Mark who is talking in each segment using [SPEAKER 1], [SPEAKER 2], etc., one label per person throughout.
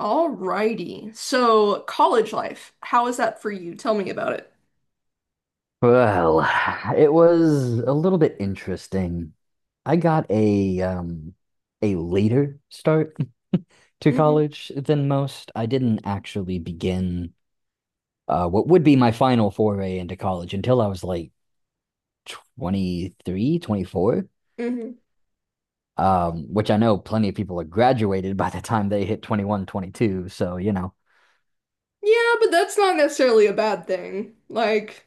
[SPEAKER 1] Alrighty. So, college life, how is that for you? Tell me about it.
[SPEAKER 2] Well, it was a little bit interesting. I got a a later start to
[SPEAKER 1] hmm
[SPEAKER 2] college than most. I didn't actually begin what would be my final foray into college until I was like 23, 24.
[SPEAKER 1] hmm
[SPEAKER 2] Which I know plenty of people are graduated by the time they hit 21, 22.
[SPEAKER 1] Yeah, but that's not necessarily a bad thing. Like,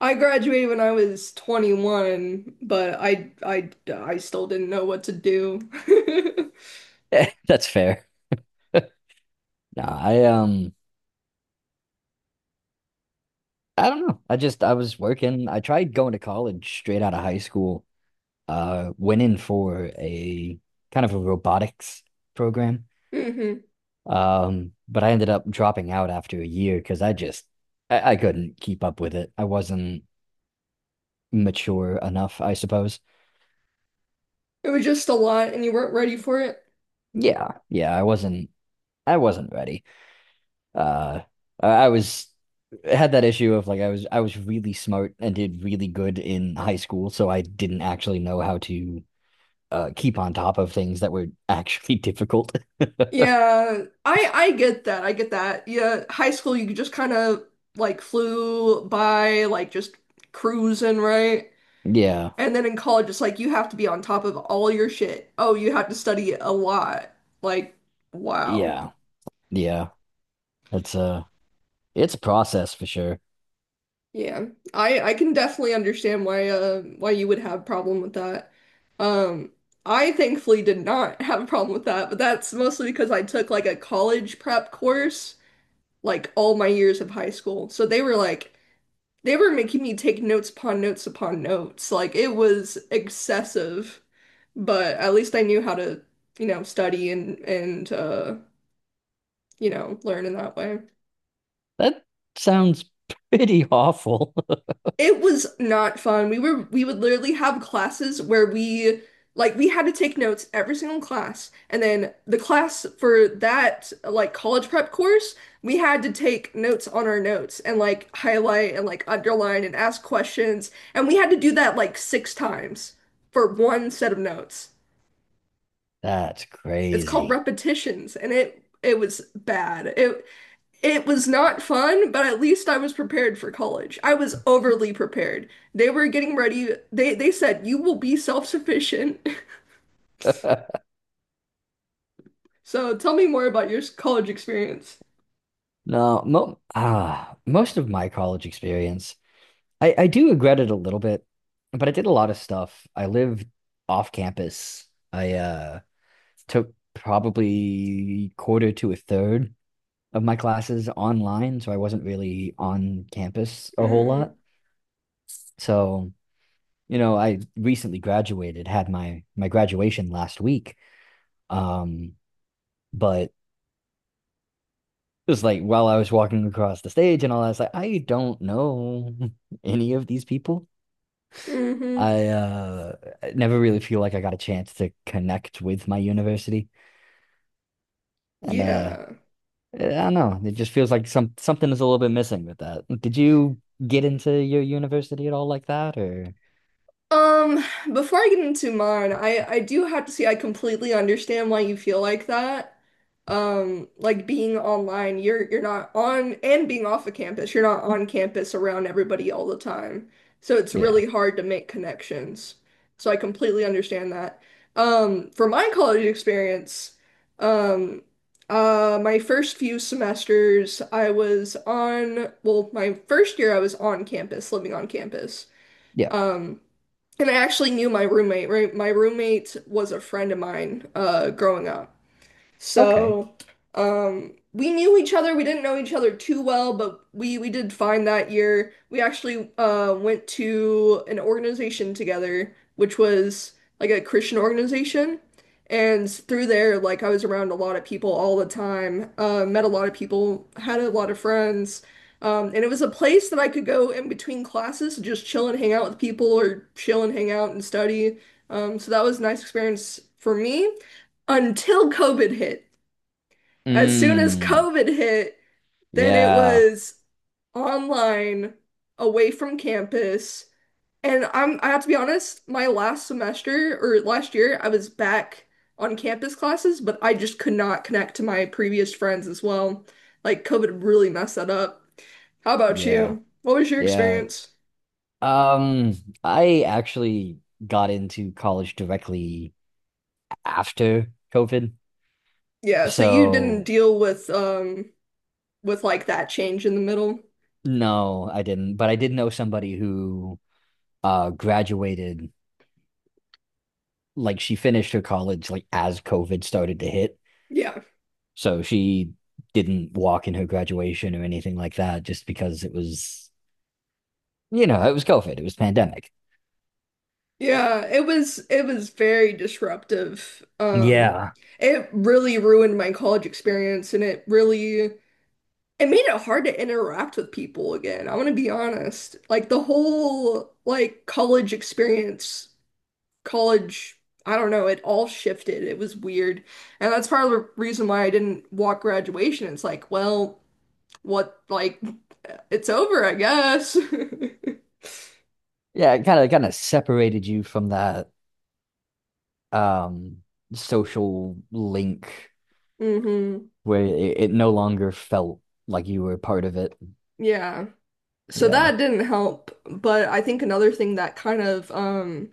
[SPEAKER 1] I graduated when I was 21, but I still didn't know what to do.
[SPEAKER 2] That's fair. No, I I don't know. I just I was working. I tried going to college straight out of high school, went in for a kind of a robotics program.
[SPEAKER 1] hmm
[SPEAKER 2] But I ended up dropping out after a year because I couldn't keep up with it. I wasn't mature enough, I suppose.
[SPEAKER 1] It was just a lot and you weren't ready for it.
[SPEAKER 2] Yeah, yeah, I wasn't ready. Uh, I was had that issue of like I was really smart and did really good in high school, so I didn't actually know how to keep on top of things that were actually difficult.
[SPEAKER 1] Yeah, I get that. I get that. Yeah, high school you just kind of like flew by like just cruising, right?
[SPEAKER 2] Yeah,
[SPEAKER 1] And then in college, it's like you have to be on top of all your shit. Oh, you have to study a lot. Like, wow.
[SPEAKER 2] yeah, yeah. It's a it's a process for sure.
[SPEAKER 1] Yeah. I can definitely understand why you would have a problem with that. Um, I thankfully did not have a problem with that, but that's mostly because I took like a college prep course like all my years of high school. So they were like they were making me take notes upon notes upon notes. Like it was excessive, but at least I knew how to, study and and learn in that way.
[SPEAKER 2] That sounds pretty awful.
[SPEAKER 1] It was not fun. We would literally have classes where we had to take notes every single class, and then the class for that like college prep course, we had to take notes on our notes and like highlight and like underline and ask questions, and we had to do that like six times for one set of notes.
[SPEAKER 2] That's
[SPEAKER 1] It's called
[SPEAKER 2] crazy.
[SPEAKER 1] repetitions, and it was bad. It was not fun, but at least I was prepared for college. I was overly prepared. They were getting ready. They said you will be self-sufficient. So tell me more about your college experience.
[SPEAKER 2] No, most of my college experience, I do regret it a little bit, but I did a lot of stuff. I lived off campus. I took probably quarter to a third of my classes online, so I wasn't really on campus a whole
[SPEAKER 1] Mm,
[SPEAKER 2] lot. So, you know, I recently graduated, had my graduation last week. Um, but just like while I was walking across the stage and all, I was like, I don't know any of these people.
[SPEAKER 1] hmm
[SPEAKER 2] I never really feel like I got a chance to connect with my university. And
[SPEAKER 1] Yeah.
[SPEAKER 2] I don't know. It just feels like something is a little bit missing with that. Did you get into your university at all like that or
[SPEAKER 1] Um, before I get into mine, I do have to say I completely understand why you feel like that. Like being online, you're not on and being off of campus, you're not on campus around everybody all the time. So it's
[SPEAKER 2] yeah.
[SPEAKER 1] really hard to make connections. So I completely understand that. For my college experience, um, my first few semesters, I was on, well, my first year I was on campus, living on campus.
[SPEAKER 2] Yeah.
[SPEAKER 1] Um, and I actually knew my roommate, right? My roommate was a friend of mine growing up.
[SPEAKER 2] Okay.
[SPEAKER 1] So, we knew each other. We didn't know each other too well, but we did fine that year. We actually went to an organization together, which was like a Christian organization. And through there, like I was around a lot of people all the time, met a lot of people, had a lot of friends. And it was a place that I could go in between classes to just chill and hang out with people or chill and hang out and study. So that was a nice experience for me until COVID hit. As soon as
[SPEAKER 2] Mm.
[SPEAKER 1] COVID hit, then it
[SPEAKER 2] Yeah.
[SPEAKER 1] was online, away from campus. And I have to be honest, my last semester or last year, I was back on campus classes, but I just could not connect to my previous friends as well. Like COVID really messed that up. How about
[SPEAKER 2] Yeah.
[SPEAKER 1] you? What was your
[SPEAKER 2] Yeah.
[SPEAKER 1] experience?
[SPEAKER 2] Um, I actually got into college directly after COVID.
[SPEAKER 1] Yeah, so you didn't
[SPEAKER 2] So
[SPEAKER 1] deal with like that change in the middle.
[SPEAKER 2] no, I didn't. But I did know somebody who graduated, like she finished her college like as COVID started to hit.
[SPEAKER 1] Yeah.
[SPEAKER 2] So she didn't walk in her graduation or anything like that just because it was, you know, it was COVID, it was pandemic.
[SPEAKER 1] Yeah, it was very disruptive.
[SPEAKER 2] Yeah.
[SPEAKER 1] It really ruined my college experience and it really it made it hard to interact with people again. I'm gonna be honest. Like the whole like college experience, college, I don't know, it all shifted. It was weird. And that's part of the reason why I didn't walk graduation. It's like, well, what like it's over, I guess.
[SPEAKER 2] Yeah, it kind of separated you from that um social link,
[SPEAKER 1] hmm
[SPEAKER 2] where it no longer felt like you were a part of it.
[SPEAKER 1] Yeah. So
[SPEAKER 2] Yeah.
[SPEAKER 1] that didn't help, but I think another thing that kind of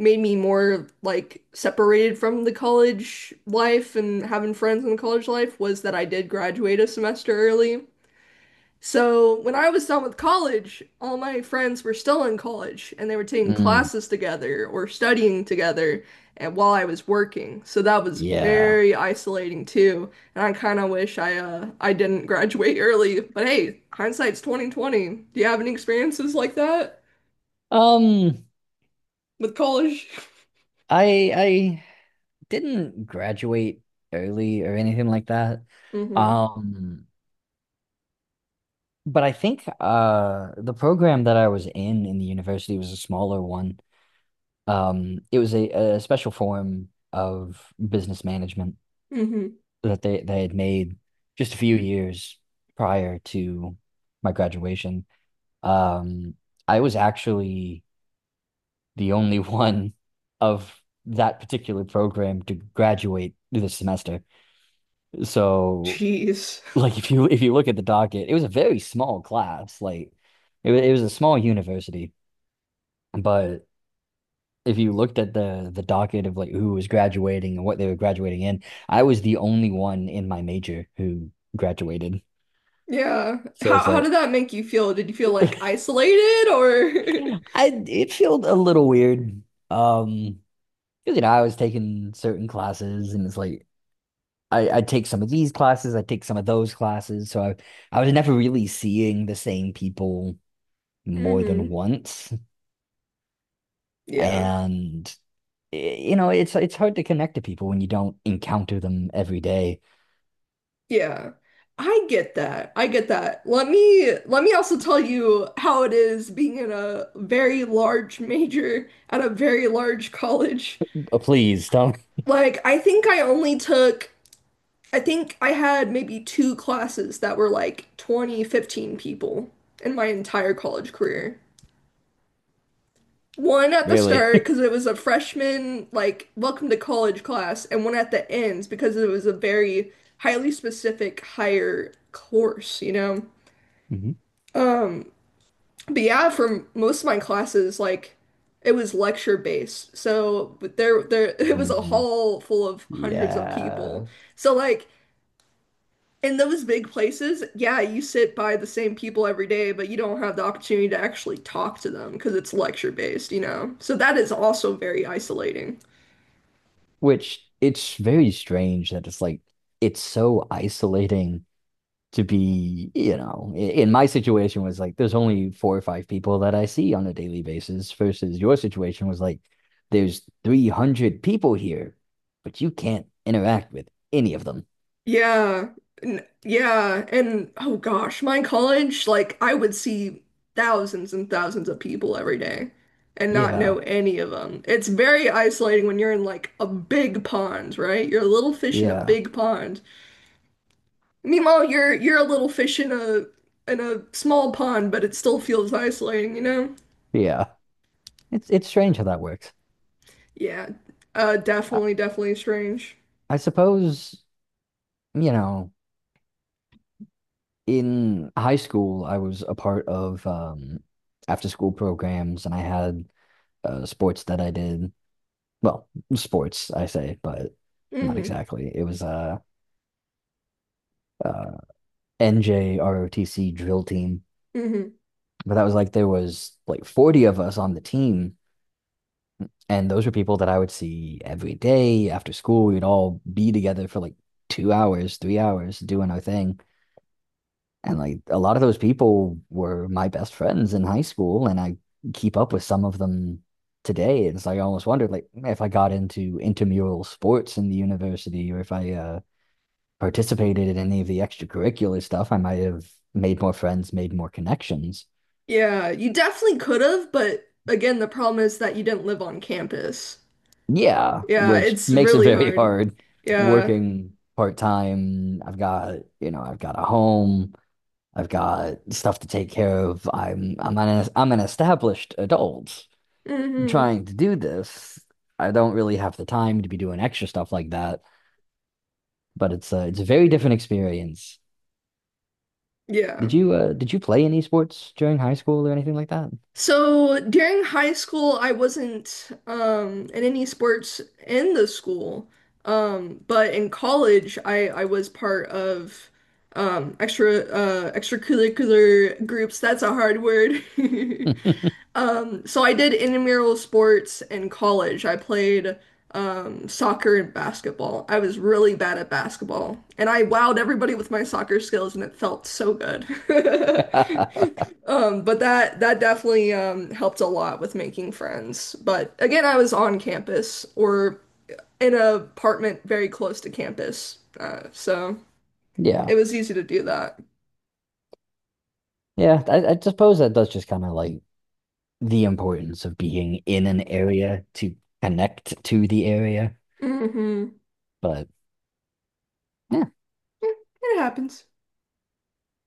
[SPEAKER 1] made me more like separated from the college life and having friends in the college life was that I did graduate a semester early. So when I was done with college, all my friends were still in college and they were taking
[SPEAKER 2] Mm.
[SPEAKER 1] classes together or studying together and while I was working. So that was
[SPEAKER 2] Yeah.
[SPEAKER 1] very isolating too. And I kind of wish I didn't graduate early. But hey, hindsight's 2020. Do you have any experiences like that
[SPEAKER 2] Um,
[SPEAKER 1] with college?
[SPEAKER 2] I didn't graduate early or anything like that.
[SPEAKER 1] Mm-hmm.
[SPEAKER 2] Um, but I think the program that I was in the university was a smaller one. It was a special form of business management
[SPEAKER 1] Mm-hmm.
[SPEAKER 2] that they had made just a few years prior to my graduation. Um, I was actually the only one of that particular program to graduate this semester. So
[SPEAKER 1] Jeez.
[SPEAKER 2] like if you look at the docket, it was a very small class. Like it was a small university, but if you looked at the docket of like who was graduating and what they were graduating in, I was the only one in my major who graduated.
[SPEAKER 1] Yeah.
[SPEAKER 2] So it's
[SPEAKER 1] How did
[SPEAKER 2] like
[SPEAKER 1] that make you feel? Did you feel like isolated or
[SPEAKER 2] I it felt a little weird. Um, 'Cause, you know, I was taking certain classes and it's like I take some of these classes, I take some of those classes. So I was never really seeing the same people more than
[SPEAKER 1] Mm-hmm.
[SPEAKER 2] once.
[SPEAKER 1] Yeah.
[SPEAKER 2] And you know, it's hard to connect to people when you don't encounter them every day.
[SPEAKER 1] Yeah, I get that. I get that. Let me also tell you how it is being in a very large major at a very large college.
[SPEAKER 2] Please don't.
[SPEAKER 1] Like, I think I only took, I think I had maybe two classes that were like 20, 15 people in my entire college career. One at the
[SPEAKER 2] Really?
[SPEAKER 1] start because it was a freshman, like, welcome to college class, and one at the ends because it was a very highly specific higher course, you know?
[SPEAKER 2] Mhm.
[SPEAKER 1] But yeah, for most of my classes, like it was lecture based. So but there it was a
[SPEAKER 2] Mm,
[SPEAKER 1] hall full of hundreds of people.
[SPEAKER 2] yeah.
[SPEAKER 1] So like in those big places, yeah, you sit by the same people every day, but you don't have the opportunity to actually talk to them because it's lecture based, you know. So that is also very isolating.
[SPEAKER 2] Which, it's very strange that it's like it's so isolating to be, you know, in my situation was like there's only 4 or 5 people that I see on a daily basis versus your situation was like there's 300 people here, but you can't interact with any of them.
[SPEAKER 1] Yeah. Yeah. And oh gosh, my college, like I would see thousands and thousands of people every day and not know
[SPEAKER 2] Yeah.
[SPEAKER 1] any of them. It's very isolating when you're in like a big pond, right? You're a little fish in a
[SPEAKER 2] Yeah,
[SPEAKER 1] big pond. Meanwhile, you're a little fish in a small pond, but it still feels isolating, you know?
[SPEAKER 2] yeah. It's strange how that works.
[SPEAKER 1] Yeah.
[SPEAKER 2] I,
[SPEAKER 1] Definitely, definitely strange.
[SPEAKER 2] I suppose, you know, in high school I was a part of after school programs and I had sports that I did. Well, sports I say, but not
[SPEAKER 1] hmm
[SPEAKER 2] exactly. It was uh NJROTC drill team.
[SPEAKER 1] hmm
[SPEAKER 2] But that was like there was like 40 of us on the team and those were people that I would see every day after school. We'd all be together for like 2 hours, 3 hours doing our thing. And like a lot of those people were my best friends in high school, and I keep up with some of them today. And it's like I almost wondered, like, if I got into intramural sports in the university, or if I participated in any of the extracurricular stuff, I might have made more friends, made more connections.
[SPEAKER 1] Yeah, you definitely could have, but again, the problem is that you didn't live on campus.
[SPEAKER 2] Yeah,
[SPEAKER 1] Yeah,
[SPEAKER 2] which
[SPEAKER 1] it's
[SPEAKER 2] makes it
[SPEAKER 1] really
[SPEAKER 2] very
[SPEAKER 1] hard.
[SPEAKER 2] hard
[SPEAKER 1] Yeah.
[SPEAKER 2] working part time. I've got, you know, I've got a home. I've got stuff to take care of. I'm an established adult
[SPEAKER 1] hmm
[SPEAKER 2] trying to do this. I don't really have the time to be doing extra stuff like that. But it's a very different experience.
[SPEAKER 1] Yeah.
[SPEAKER 2] Did you play any sports during high school or anything like
[SPEAKER 1] So during high school, I wasn't in any sports in the school. But in college, I was part of extracurricular groups. That's a hard word.
[SPEAKER 2] that?
[SPEAKER 1] So I did intramural sports in college. I played soccer and basketball. I was really bad at basketball, and I wowed everybody with my soccer skills, and it felt so good. But that definitely helped a lot with making friends. But again, I was on campus or in an apartment very close to campus, so
[SPEAKER 2] Yeah,
[SPEAKER 1] it was easy to do that.
[SPEAKER 2] yeah. I suppose that does just kind of like the importance of being in an area to connect to the area.
[SPEAKER 1] hmm
[SPEAKER 2] But eh,
[SPEAKER 1] It happens.